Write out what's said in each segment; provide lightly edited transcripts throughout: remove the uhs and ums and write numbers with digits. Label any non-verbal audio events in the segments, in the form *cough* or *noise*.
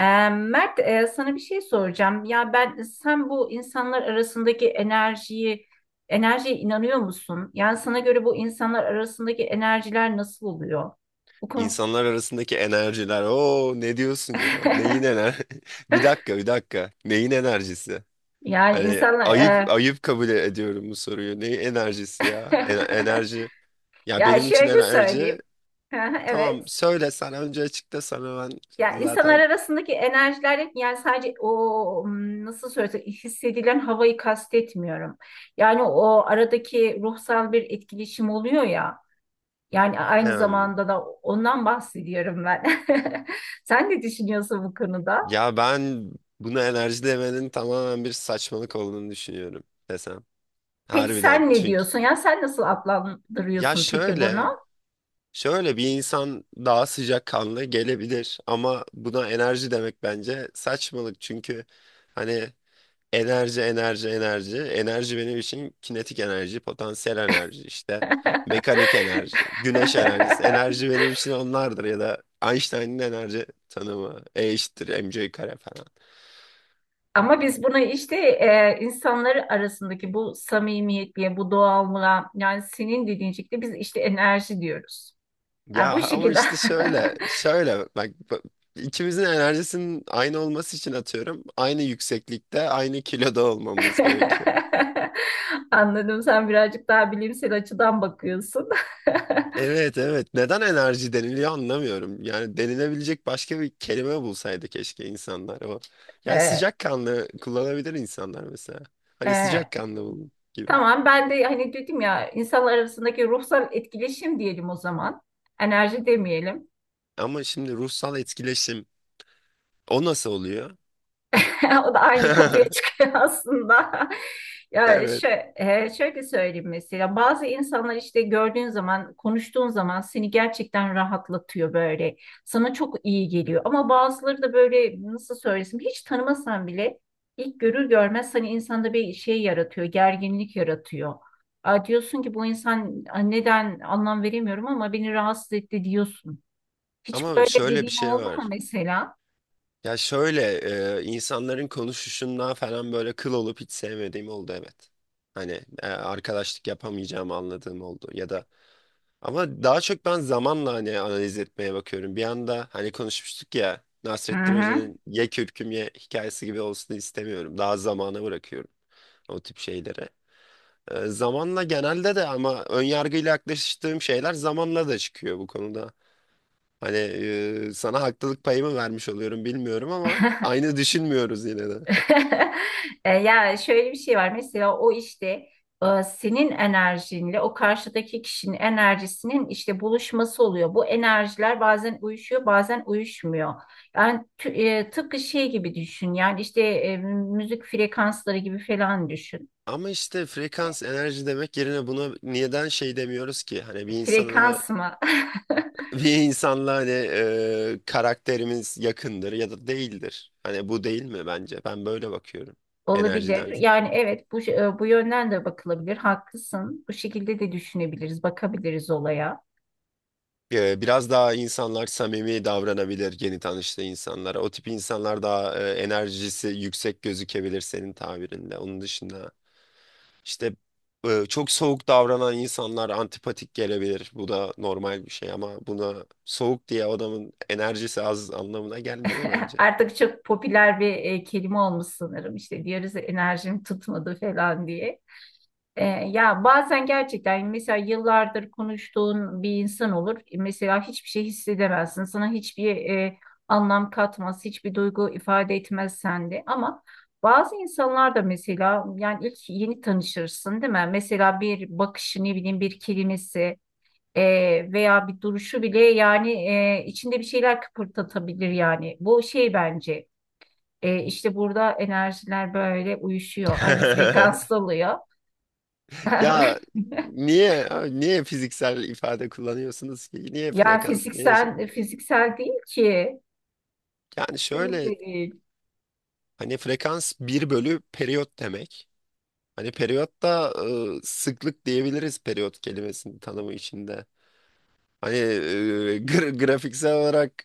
Mert, sana bir şey soracağım. Ya ben sen bu insanlar arasındaki enerjiye inanıyor musun? Yani sana göre bu insanlar arasındaki enerjiler nasıl oluyor? Bu konu. İnsanlar arasındaki enerjiler. Oo, ne diyorsun ya? Neyin *laughs* ener? *laughs* Bir dakika, bir dakika. Neyin enerjisi? Yani Hani insanlar ayıp ayıp, kabul ediyorum bu soruyu. Neyin enerjisi ya? *laughs* Enerji. Ya ya benim için şöyle enerji, söyleyeyim. *laughs* tamam, Evet. söyle sen önce, açıkla, sana ben Ya insanlar zaten. arasındaki enerjiler yani sadece o hmm, nasıl söylesem hissedilen havayı kastetmiyorum. Yani o aradaki ruhsal bir etkileşim oluyor ya. Yani aynı Hem, zamanda da ondan bahsediyorum ben. *laughs* Sen ne düşünüyorsun bu konuda? ya ben buna enerji demenin tamamen bir saçmalık olduğunu düşünüyorum desem. Peki Harbiden. sen ne Çünkü diyorsun? Ya sen nasıl ya adlandırıyorsun peki şöyle. bunu? Şöyle, bir insan daha sıcakkanlı gelebilir ama buna enerji demek bence saçmalık çünkü hani enerji, enerji, enerji, enerji benim için kinetik enerji, potansiyel enerji, işte mekanik *laughs* enerji, güneş enerjisi, enerji benim için onlardır ya da Einstein'ın enerji tanımı E eşittir mc kare falan. Ama biz bunu işte insanları arasındaki bu samimiyetliğe, bu doğallığa yani senin dediğin şekilde biz işte enerji diyoruz. Ha, Ya bu ama şekilde. işte şöyle şöyle, bak bak, ikimizin enerjisinin aynı olması için, atıyorum, aynı yükseklikte aynı kiloda olmamız gerekiyor. *laughs* Anladım sen birazcık daha bilimsel açıdan bakıyorsun. *laughs* Evet, evet. Neden enerji deniliyor anlamıyorum. Yani denilebilecek başka bir kelime bulsaydı keşke insanlar o. Yani E, sıcakkanlı kullanabilir insanlar mesela. Hani e, sıcakkanlı olun gibi. Tamam ben de hani dedim ya insanlar arasındaki ruhsal etkileşim diyelim o zaman. Enerji demeyelim. Ama şimdi ruhsal etkileşim, o nasıl oluyor? *laughs* O da aynı kapıya *laughs* çıkıyor aslında. *laughs* Ya Evet. şöyle, şöyle söyleyeyim mesela bazı insanlar işte gördüğün zaman konuştuğun zaman seni gerçekten rahatlatıyor böyle. Sana çok iyi geliyor ama bazıları da böyle nasıl söylesem hiç tanımasan bile ilk görür görmez hani insanda bir şey yaratıyor, gerginlik yaratıyor. Aa, diyorsun ki bu insan, "Aa, neden anlam veremiyorum ama beni rahatsız etti," diyorsun. Hiç Ama böyle şöyle bir dediğin şey oldu mu var. mesela? Ya şöyle, insanların konuşuşundan falan böyle kıl olup hiç sevmediğim oldu, evet. Hani arkadaşlık yapamayacağımı anladığım oldu. Ya da ama daha çok ben zamanla hani analiz etmeye bakıyorum. Bir anda, hani, konuşmuştuk ya, Hı Nasrettin hı. Hoca'nın ye kürküm ye hikayesi gibi olsun istemiyorum. Daha zamana bırakıyorum o tip şeylere. Zamanla genelde de, ama ön yargıyla yaklaştığım şeyler zamanla da çıkıyor bu konuda. Hani sana haklılık payımı vermiş oluyorum bilmiyorum ama aynı düşünmüyoruz yine de. *laughs* Yani şöyle bir şey var. Mesela o işte senin enerjinle o karşıdaki kişinin enerjisinin işte buluşması oluyor. Bu enerjiler bazen uyuşuyor, bazen uyuşmuyor. Yani tıpkı şey gibi düşün. Yani işte müzik frekansları gibi falan düşün. Ama işte frekans enerji demek yerine buna neden şey demiyoruz ki? Hani Frekans mı? *laughs* bir insanla, hani, karakterimiz yakındır ya da değildir. Hani bu değil mi bence? Ben böyle bakıyorum Olabilir. enerjiden. Yani evet bu bu yönden de bakılabilir. Haklısın. Bu şekilde de düşünebiliriz, bakabiliriz olaya. Biraz daha insanlar samimi davranabilir yeni tanıştığı insanlara. O tip insanlar daha enerjisi yüksek gözükebilir senin tabirinde. Onun dışında, işte, çok soğuk davranan insanlar antipatik gelebilir. Bu da normal bir şey ama buna soğuk diye adamın enerjisi az anlamına gelmiyor *laughs* bence. Artık çok popüler bir kelime olmuş sanırım. İşte diyoruz ya, enerjim tutmadı falan diye. Ya bazen gerçekten mesela yıllardır konuştuğun bir insan olur. Mesela hiçbir şey hissedemezsin. Sana hiçbir anlam katmaz, hiçbir duygu ifade etmez sende. Ama bazı insanlar da mesela yani ilk yeni tanışırsın değil mi? Mesela bir bakışı ne bileyim bir kelimesi e, veya bir duruşu bile yani içinde bir şeyler kıpırdatabilir yani. Bu şey bence işte burada enerjiler böyle uyuşuyor, aynı *laughs* frekansta oluyor. *laughs* Ya niye niye fiziksel ifade kullanıyorsunuz ki? Niye Yani frekans? Niye şey? fiziksel değil ki. Yani şöyle, Kesinlikle değil. hani frekans bir bölü periyot demek. Hani periyot da sıklık diyebiliriz periyot kelimesinin tanımı içinde. Hani *laughs* grafiksel olarak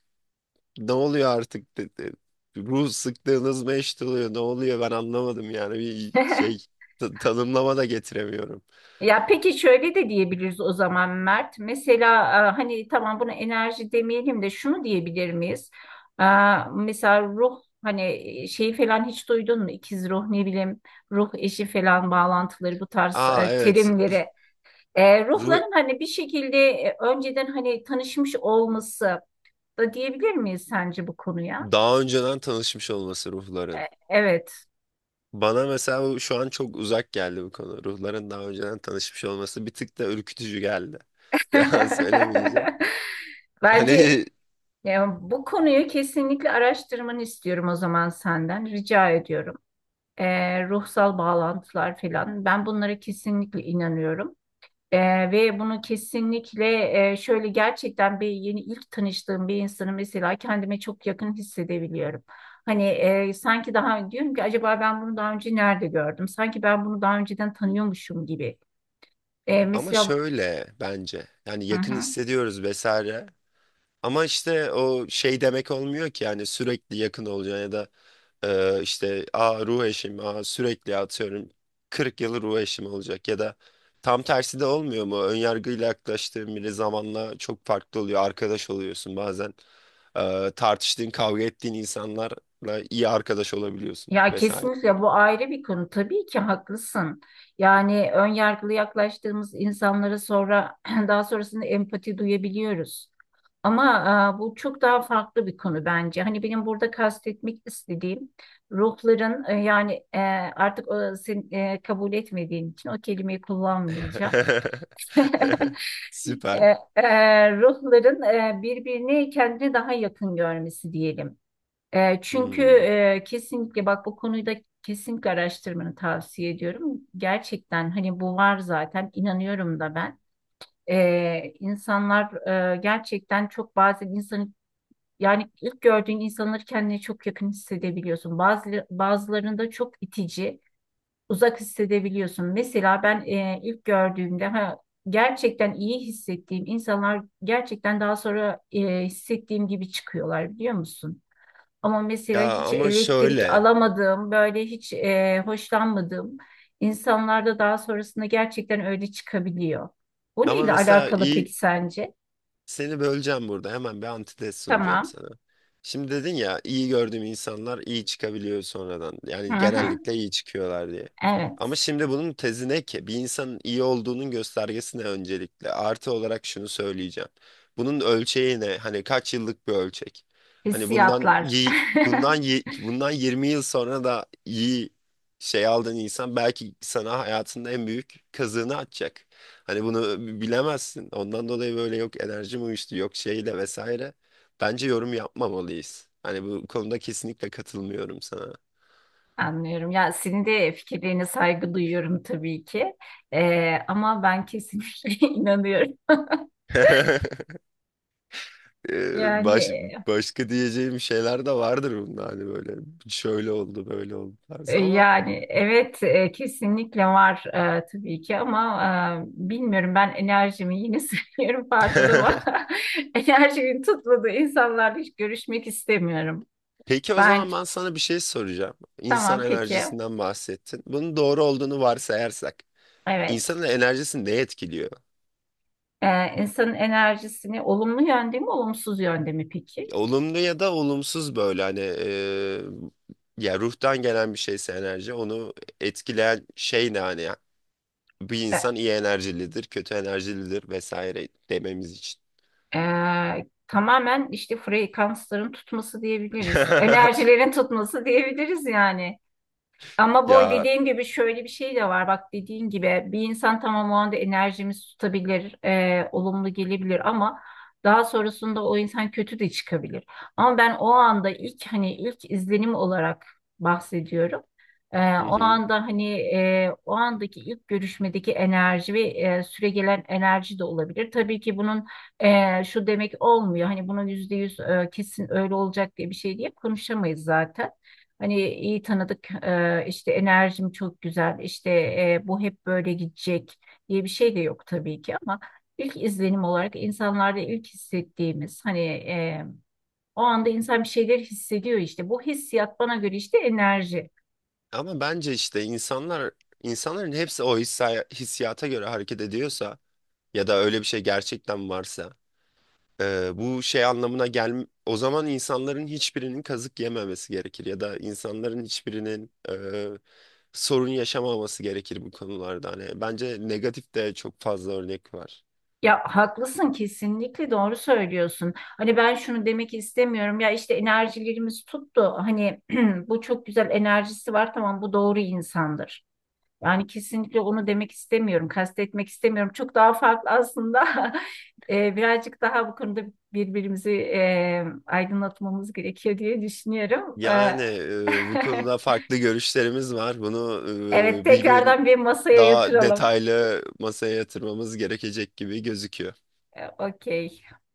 ne oluyor artık? Ruh sıklığınız mı eşit oluyor? Ne oluyor? Ben anlamadım yani bir *laughs* şey tanımlama da getiremiyorum. Ya peki şöyle de diyebiliriz o zaman Mert. Mesela hani tamam bunu enerji demeyelim de şunu diyebilir miyiz? E, Mesela ruh hani şeyi falan hiç duydun mu? İkiz ruh ne bileyim ruh eşi falan bağlantıları bu tarz Aa, evet. terimleri. Ruh, Ruhların hani bir şekilde önceden hani tanışmış olması da diyebilir miyiz sence bu konuya? daha önceden tanışmış olması ruhların. E, Evet. Bana mesela bu şu an çok uzak geldi bu konu. Ruhların daha önceden tanışmış olması bir tık da ürkütücü geldi. *laughs* Yalan söylemeyeceğim. *laughs* Hani Bence, ya bu konuyu kesinlikle araştırmanı istiyorum o zaman senden. Rica ediyorum. Ruhsal bağlantılar falan. Ben bunlara kesinlikle inanıyorum. Ve bunu kesinlikle şöyle gerçekten bir yeni ilk tanıştığım bir insanı mesela kendime çok yakın hissedebiliyorum. Hani sanki daha diyorum ki acaba ben bunu daha önce nerede gördüm? Sanki ben bunu daha önceden tanıyormuşum gibi. Ama Mesela şöyle, bence, yani hı yakın hı. hissediyoruz vesaire. Ama işte o şey demek olmuyor ki, yani sürekli yakın olacaksın. İşte ruh eşim, sürekli atıyorum 40 yılı ruh eşim olacak ya da tam tersi de olmuyor mu? Önyargıyla yaklaştığın biri zamanla çok farklı oluyor. Arkadaş oluyorsun bazen. Tartıştığın, kavga ettiğin insanlarla iyi arkadaş olabiliyorsun Ya vesaire. kesinlikle bu ayrı bir konu. Tabii ki haklısın. Yani ön yargılı yaklaştığımız insanlara sonra *clears throat* daha sonrasında empati duyabiliyoruz. Ama bu çok daha farklı bir konu bence. Hani benim burada kastetmek istediğim ruhların artık o, sen kabul etmediğin için o kelimeyi kullanmayacağım. *laughs* *laughs* E, Süper. Ruhların birbirini kendine daha yakın görmesi diyelim. Çünkü Hmm. Kesinlikle bak bu konuyu da kesinlikle araştırmanı tavsiye ediyorum. Gerçekten hani bu var zaten inanıyorum da ben. İnsanlar gerçekten çok bazen insanı yani ilk gördüğün insanları kendine çok yakın hissedebiliyorsun. Bazı, bazılarında çok itici, uzak hissedebiliyorsun. Mesela ben ilk gördüğümde ha, gerçekten iyi hissettiğim insanlar gerçekten daha sonra hissettiğim gibi çıkıyorlar biliyor musun? Ama mesela Ya hiç ama elektrik şöyle. alamadığım, böyle hiç hoşlanmadığım insanlarda daha sonrasında gerçekten öyle çıkabiliyor. Bu Ama neyle mesela alakalı iyi peki sence? Seni böleceğim burada. Hemen bir antitez sunacağım Tamam. sana. Şimdi dedin ya iyi gördüğüm insanlar iyi çıkabiliyor sonradan. Hı Yani hı. genellikle iyi çıkıyorlar diye. Ama Evet. şimdi bunun tezi ne ki? Bir insanın iyi olduğunun göstergesi ne öncelikle? Artı olarak şunu söyleyeceğim. Bunun ölçeği ne? Hani kaç yıllık bir ölçek? Hani Hissiyatlar. *laughs* Bundan 20 yıl sonra da iyi şey aldığın insan belki sana hayatında en büyük kazığını atacak. Hani bunu bilemezsin. Ondan dolayı böyle, yok enerjim uyuştu, yok şeyle vesaire. Bence yorum yapmamalıyız. Hani bu konuda kesinlikle katılmıyorum sana. Anlıyorum. Ya senin de fikirlerine saygı duyuyorum tabii ki. Ama ben kesinlikle *laughs* inanıyorum. *laughs* Ee, Baş, Yani başka diyeceğim şeyler de vardır bunda, hani böyle şöyle oldu böyle oldu tarzı, ama yani evet kesinlikle var tabii ki ama bilmiyorum ben enerjimi yine *laughs* söylüyorum pardon ama *laughs* *laughs* enerjimin tutmadığı insanlarla hiç görüşmek istemiyorum. peki, o Ben, zaman ben sana bir şey soracağım. tamam, İnsan peki, enerjisinden bahsettin. Bunun doğru olduğunu varsayarsak evet. insanın enerjisi ne etkiliyor? İnsanın enerjisini olumlu yönde mi olumsuz yönde mi peki? Olumlu ya da olumsuz böyle, hani, ya, ruhtan gelen bir şeyse enerji, onu etkileyen şey ne hani ya? Bir E, insan iyi enerjilidir, kötü enerjilidir vesaire dememiz için. Tamamen işte frekansların tutması diyebiliriz *laughs* enerjilerin tutması diyebiliriz yani. Ama bu Ya, dediğim gibi şöyle bir şey de var. Bak dediğin gibi bir insan tamam o anda enerjimiz tutabilir, olumlu gelebilir ama daha sonrasında o insan kötü de çıkabilir. Ama ben o anda ilk hani ilk izlenim olarak bahsediyorum. Hı O hı. anda hani o andaki ilk görüşmedeki enerji ve süregelen enerji de olabilir. Tabii ki bunun şu demek olmuyor. Hani bunun %100 kesin öyle olacak diye bir şey diye konuşamayız zaten. Hani iyi tanıdık, işte enerjim çok güzel, işte bu hep böyle gidecek diye bir şey de yok tabii ki ama ilk izlenim olarak insanlarda ilk hissettiğimiz hani o anda insan bir şeyler hissediyor işte. Bu hissiyat bana göre işte enerji. Ama bence işte insanlar, insanların hepsi o hissi, hissiyata göre hareket ediyorsa ya da öyle bir şey gerçekten varsa, bu şey anlamına gel, o zaman insanların hiçbirinin kazık yememesi gerekir ya da insanların hiçbirinin sorun yaşamaması gerekir bu konularda. Hani bence negatif de çok fazla örnek var. Ya haklısın kesinlikle doğru söylüyorsun. Hani ben şunu demek istemiyorum ya işte enerjilerimiz tuttu. Hani *clears throat* bu çok güzel enerjisi var tamam bu doğru insandır. Yani kesinlikle onu demek istemiyorum, kastetmek istemiyorum. Çok daha farklı aslında. *laughs* Birazcık daha bu konuda birbirimizi aydınlatmamız gerekiyor diye düşünüyorum. Yani bu konuda farklı görüşlerimiz var. Bunu *laughs* evet, bir gün tekrardan bir masaya daha yatıralım. detaylı masaya yatırmamız gerekecek gibi gözüküyor. Okey.